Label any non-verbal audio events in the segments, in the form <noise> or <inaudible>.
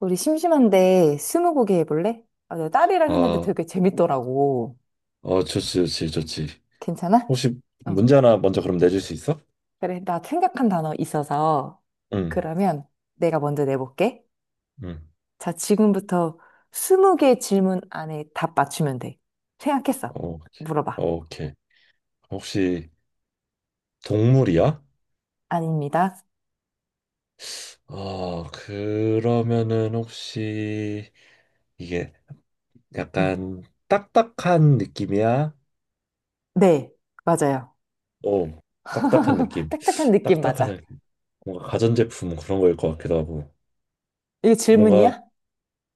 우리 심심한데 스무고개 해볼래? 아, 내 딸이랑 했는데 아, 되게 재밌더라고. 어, 좋지, 좋지, 좋지. 괜찮아? 혹시 응. 문제 하나 먼저 그럼 내줄 수 있어? 그래, 나 생각한 단어 있어서 응, 그러면 내가 먼저 내볼게. 응. 자, 지금부터 스무 개 질문 안에 답 맞추면 돼. 생각했어. 오케이, 물어봐. 오케이. 혹시 동물이야? 아닙니다. 그러면은 혹시 이게 응. 약간 딱딱한 느낌이야? 네, 맞아요. 어, 딱딱한 <laughs> 느낌. 딱딱한 느낌 딱딱한 맞아. 느낌. 뭔가 가전제품 그런 거일 것 같기도 하고. 이거 뭔가, 질문이야?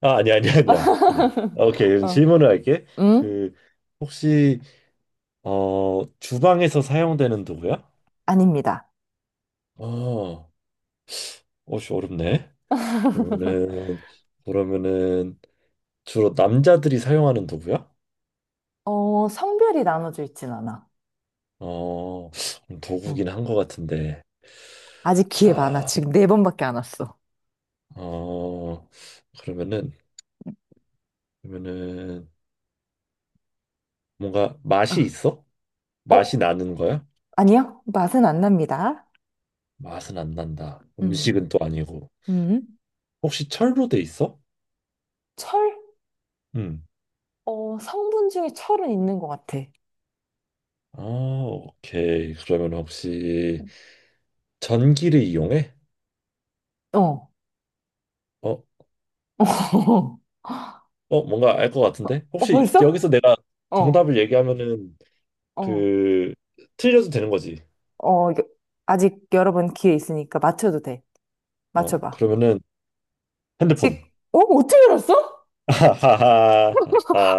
아, 아니야, 아니야, 아니야. 아니야. <laughs> 오케이, 그럼 어. 질문을 할게. 응? 그, 혹시, 주방에서 사용되는 도구야? 아닙니다. 어, 어씨 어렵네. <laughs> 그러면은 그러면은 주로 남자들이 사용하는 도구야? 어, 성별이 나눠져 있진 않아. 어, 응. 도구긴 한 것 같은데. 아직 기회 많아. 아, 지금 네 번밖에 안 왔어. 어, 그러면은 그러면은 뭔가 어, 맛이 있어? 맛이 어, 나는 거야? 아니요. 맛은 안 납니다. 맛은 안 난다. 음, 음식은 또 아니고. 음. 혹시 철로 돼 있어? 철? 응. 어, 성분 중에 철은 있는 것 같아. 아, 오케이. 그러면 혹시 전기를 이용해? 어. 어, <laughs> 어, 뭔가 알 것 같은데? 어, 혹시 벌써? 여기서 내가 어, 정답을 얘기하면은 어, 그 틀려도 되는 거지. 어. 이게 아직 여러 번 기회 있으니까 맞춰도 돼. 어, 맞춰봐. 그러면은 핸드폰. 직, 어? 어떻게 알았어? <laughs>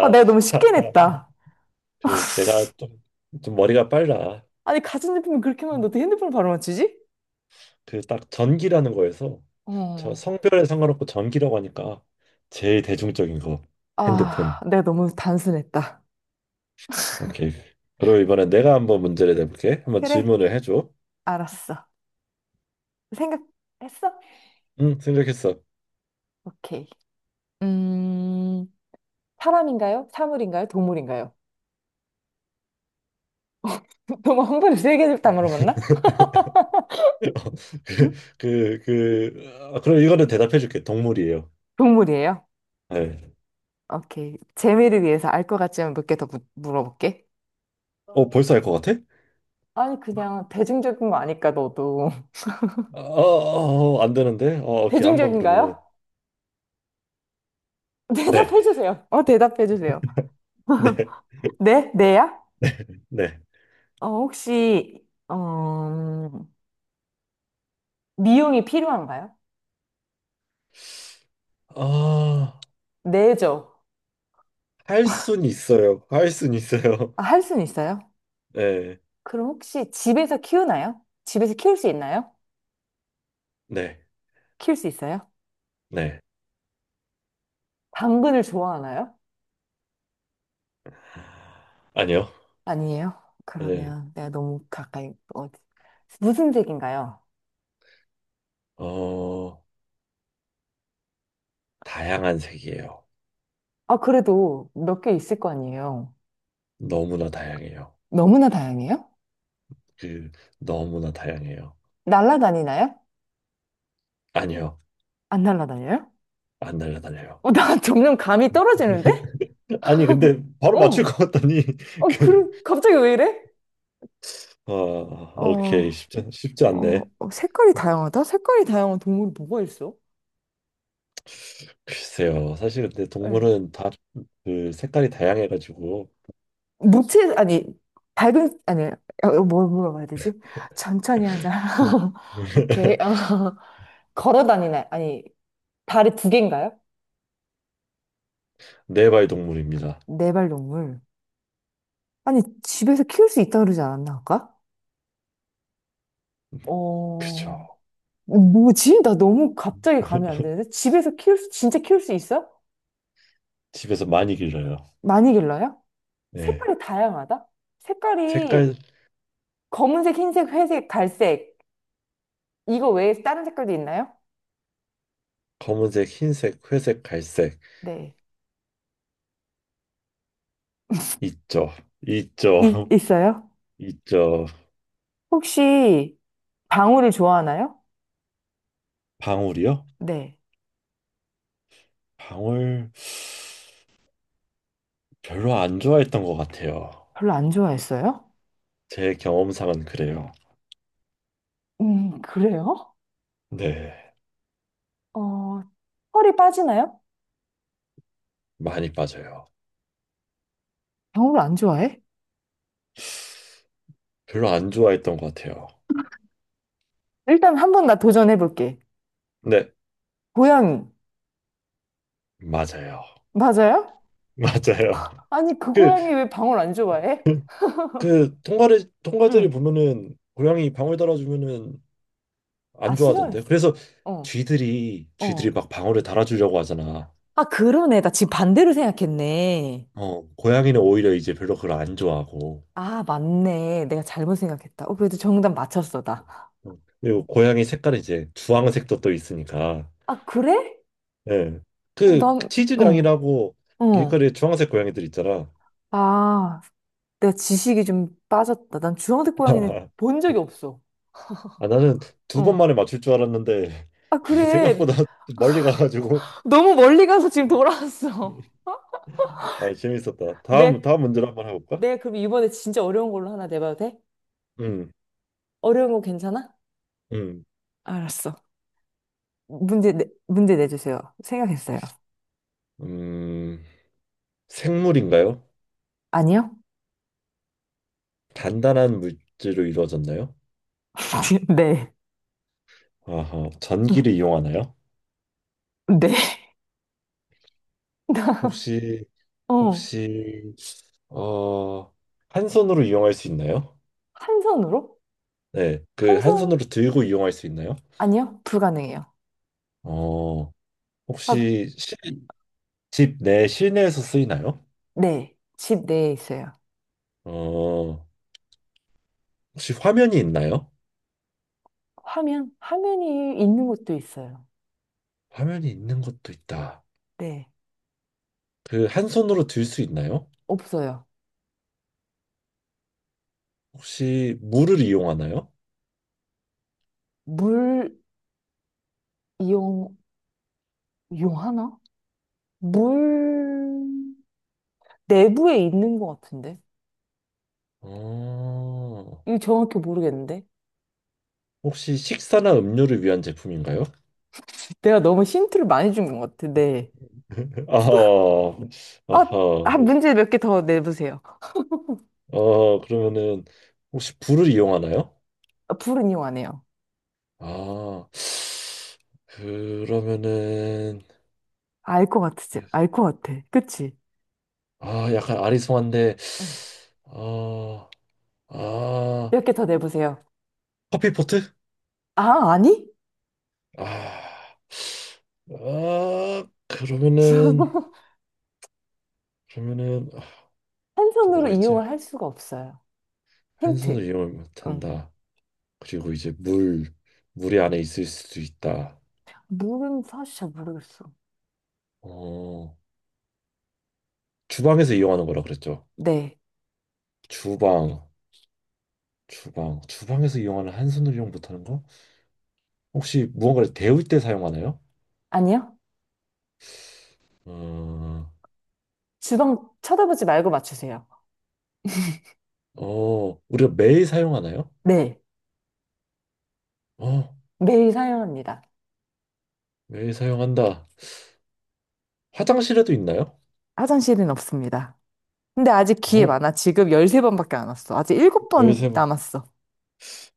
아, 내가 너무 쉽게 냈다. 그 <laughs> 내가 좀 머리가 빨라. 아니, 가전제품이 그렇게 많은데 어떻게 핸드폰을 바로 맞추지? 그 딱 전기라는 거에서 저 어. 성별에 상관없고 전기라고 하니까 제일 대중적인 거 아, 핸드폰. 내가 너무 단순했다. 오케이. 그리고 이번에 내가 한번 문제를 내볼게. 한번 그래, 질문을 해줘. 알았어. 생각했어? 응, 생각했어. 오케이. 음, 사람인가요? 사물인가요? 동물인가요? <laughs> 너무 흥분을 세 개를 다 물어봤나? <laughs> 응? 그럼 이거는 대답해줄게. 동물이에요. 동물이에요. 네. 오케이. 재미를 위해서 알 것 같지만 몇 개 더 물어볼게. 어, 벌써 알 것 같아? 아니, 그냥 대중적인 거 아니까, 너도. <laughs> 어, 어, 어, 안 되는데? 어, 오케이. 한번 그러면은. 대중적인가요? <laughs> 네. 대답해주세요. 어, 대답해주세요. 네. 네? 네야? 네. 어, 혹시, 어, 미용이 필요한가요? 아, 네죠. 할 순 있어요. 할 순 있어요. 아, 할 수는 있어요? <laughs> 네. 그럼 혹시 집에서 키우나요? 집에서 키울 수 있나요? 네. 키울 수 있어요? 네. 당근을 좋아하나요? 아니요. 아니에요? 네. 그러면 내가 너무 가까이, 어디, 무슨 색인가요? 어, 다양한 색이에요. 아, 그래도 몇 개 있을 거 아니에요? 너무나 다양해요. 너무나 다양해요? 그, 너무나 다양해요. 날라다니나요? 아니요. 안 날라다녀요? 안 날라다녀요. 어, 나 <laughs> 점점 감이 <laughs> 떨어지는데? 아니, 근데 바로 맞출 어, 것 같다니. <laughs> 그, 그래, 갑자기 왜 이래? 어, 어, 오케이. 쉽지, 쉽지 않네. 색깔이 다양하다? 색깔이 다양한 동물이 뭐가 있어? 글쎄요. 사실 근데 예. 동물은 다 그 색깔이 다양해가지고. 무채, 아니, 밝은, 아니, 어, 어, 뭘 물어봐야 되지? 천천히 하자. <laughs> 오케이. <laughs> 어, 걸어 다니네. 아니, 다리 두 개인가요? 네발 동물입니다. 네 발 동물. 아니, 집에서 키울 수 있다 그러지 않았나 아까? 그죠. 어, 뭐지? 나 너무 갑자기 감이 안 <laughs> 되는데? 집에서 키울 수, 진짜 키울 수 있어? 집에서 많이 길러요. 많이 길러요? 네. 색깔이 다양하다? 색깔이 색깔 검은색, 흰색, 회색, 갈색. 이거 외에 다른 색깔도 있나요? 검은색, 흰색, 회색, 갈색 네. 있죠. 있죠. 있어요? <laughs> 있죠. 혹시 방울이 좋아하나요? 방울이요? 네. 방울 별로 안 좋아했던 것 같아요. 별로 안 좋아했어요? 제 경험상은 그래요. 그래요? 네. 어, 털이 빠지나요? 많이 빠져요. 방울을 안 좋아해? 별로 안 좋아했던 것 같아요. 일단 한 번 나 도전해볼게. 네. 고양이. 맞아요. 맞아요? <laughs> 맞아요. 아니, 그 그, 고양이 왜 방울 안 좋아해? 그, 그 통과를 통과들이 응. 보면은 고양이 방울 달아주면은 아, 안 좋아하던데. 싫어했어. 그래서 어, 쥐들이 어. 막 방울을 달아주려고 하잖아. 아, 그러네. 나 지금 반대로 생각했네. 어, 고양이는 오히려 이제 별로 그걸 안 좋아하고. 아, 맞네. 내가 잘못 생각했다. 어, 그래도 정답 맞췄어, 나. 어, 그리고 고양이 색깔이 이제 주황색도 또 있으니까. 아, 그래? 예. 어, 그 난, 응, 치즈냥이라고 응. 길거리에 주황색 고양이들 있잖아. 아, 내가 지식이 좀 빠졌다. 난 주황색 고양이는 <laughs> 본 적이 없어. 아, 나는 두 번 어. 만에 맞출 줄 알았는데 아, <laughs> 그래. 생각보다 멀리 가가지고. 너무 멀리 가서 지금 돌아왔어. 아, 재밌었다. <laughs> 다음, 내, 다음 문제로 한번 해볼까? 그럼 이번에 진짜 어려운 걸로 하나 내봐도 돼? 음, 어려운 거 괜찮아? 음, 알았어. 문제 내주세요. 생각했어요. 음, 생물인가요? 아니요? 단단한 물질로 이루어졌나요? <laughs> 네. 아하, 전기를 이용하나요? 네. 나, 혹시, 어. 혹시, 어, 한 손으로 이용할 수 있나요? 한 손으로? 네, 그 한 한 손? 손으로 들고 이용할 수 있나요? 아니요? 불가능해요. 어, 아, 혹시 집 내 실내에서 쓰이나요? 네. 집 내에 있어요. 어, 혹시 화면이 있나요? 화면? 화면이 있는 곳도 있어요. 화면이 있는 것도 있다. 네. 그 한 손으로 들 수 있나요? 없어요. 혹시 물을 이용하나요? 물, 이용, 이용하나? 물 내부에 있는 것 같은데? 어, 이거 정확히 모르겠는데? 혹시 식사나 음료를 위한 제품인가요? 내가 너무 힌트를 많이 준 것 같아, 네. <laughs> 아하, 어, 아하. 아, 문제 몇 개 더 내보세요. 어, 그러면은 혹시 불을 이용하나요? 아, 불은 이용 안 해요. 아, 그러면은 알 것 같지? 알 것 같아. 그치? 아, 약간 아리송한데. 어. 아, 아, 몇 개 더 내보세요. 커피포트? 아, 아니? 아, 아, 그러면은 <laughs> 그러면은 아, 한 또 손으로 뭐가 있지? 이용을 할 수가 없어요. 한 힌트. 손을 이용을 응. 못한다. 그리고 이제 물, 물이 안에 있을 수도 있다. 물은 사실 잘 모르겠어. 어, 주방에서 이용하는 거라 그랬죠. 네. 주방, 주방에서 이용하는 한 손으로 이용 못하는 거? 혹시 무언가를 데울 때 사용하나요? 아니요? 어, 주방 쳐다보지 말고 맞추세요. 어, 우리가 매일 사용하나요? 네. 어, 매일 사용합니다. 매일 사용한다. 화장실에도 있나요? 화장실은 없습니다. 근데 아직 기회 어, 많아. 지금 13번밖에 안 왔어. 아직 7번 13번. 남았어.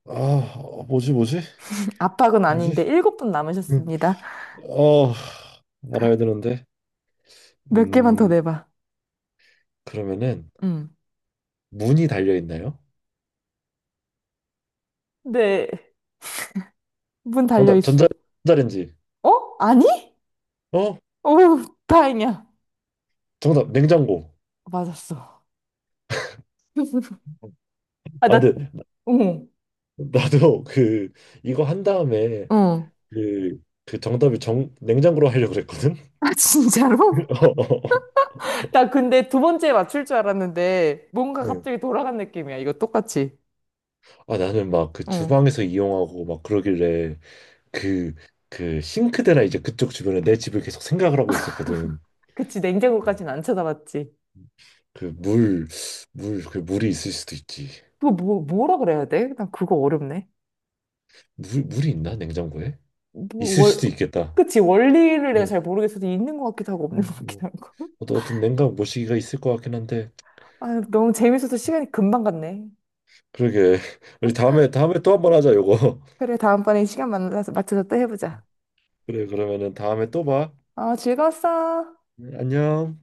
아, 어, 뭐지? <laughs> 압박은 뭐지? 아닌데 7번 음, 남으셨습니다. 어, 말아야 되는데. 몇 개만 더 음, 내봐. 그러면은 응. 문이 달려 있나요? 네. 문 달려 정답, 있어. 전자레인지. 어? 아니? 어? 오, 다행이야. 정답 냉장고. 맞았어. <laughs> 아, 아 나, 근데 나- 응. 나도 그 이거 한 다음에 응. 그 그 정답을 정 냉장고로 하려고 그랬거든. 아, <laughs> 진짜로? 어. 어, 어. <laughs> 나 근데 두 번째에 맞출 줄 알았는데 뭔가 응. 갑자기 돌아간 느낌이야. 이거 똑같이. 아 나는 막 그 응. 주방에서 이용하고 막 그러길래 그 그 싱크대나 이제 그쪽 주변에 내 집을 계속 생각을 하고 있었거든. 그치, 어, 냉장고까지는 안 쳐다봤지. 그 물, 물, 그 물이 있을 수도 있지. 그거 뭐, 뭐라 그래야 돼? 난 그거 어렵네. 물, 물이 있나 냉장고에? 뭐, 있을 월, 수도 있겠다. 그치, 원리를 내가 응. 잘 모르겠어서 있는 것 같기도 하고 없는 것 뭐, 같기도 하고. 어떤 냉각 모시기가 있을 것 같긴 한데. <laughs> 아, 너무 재밌어서 시간이 금방 갔네. 그러게. <laughs> 우리 다음에 다음에 또 한 번 하자 요거. <laughs> 그래, 다음번에 시간 만나서 맞춰서 또 해보자. 그래, 그러면은 다음에 또 봐. 아, 즐거웠어. 네, 안녕.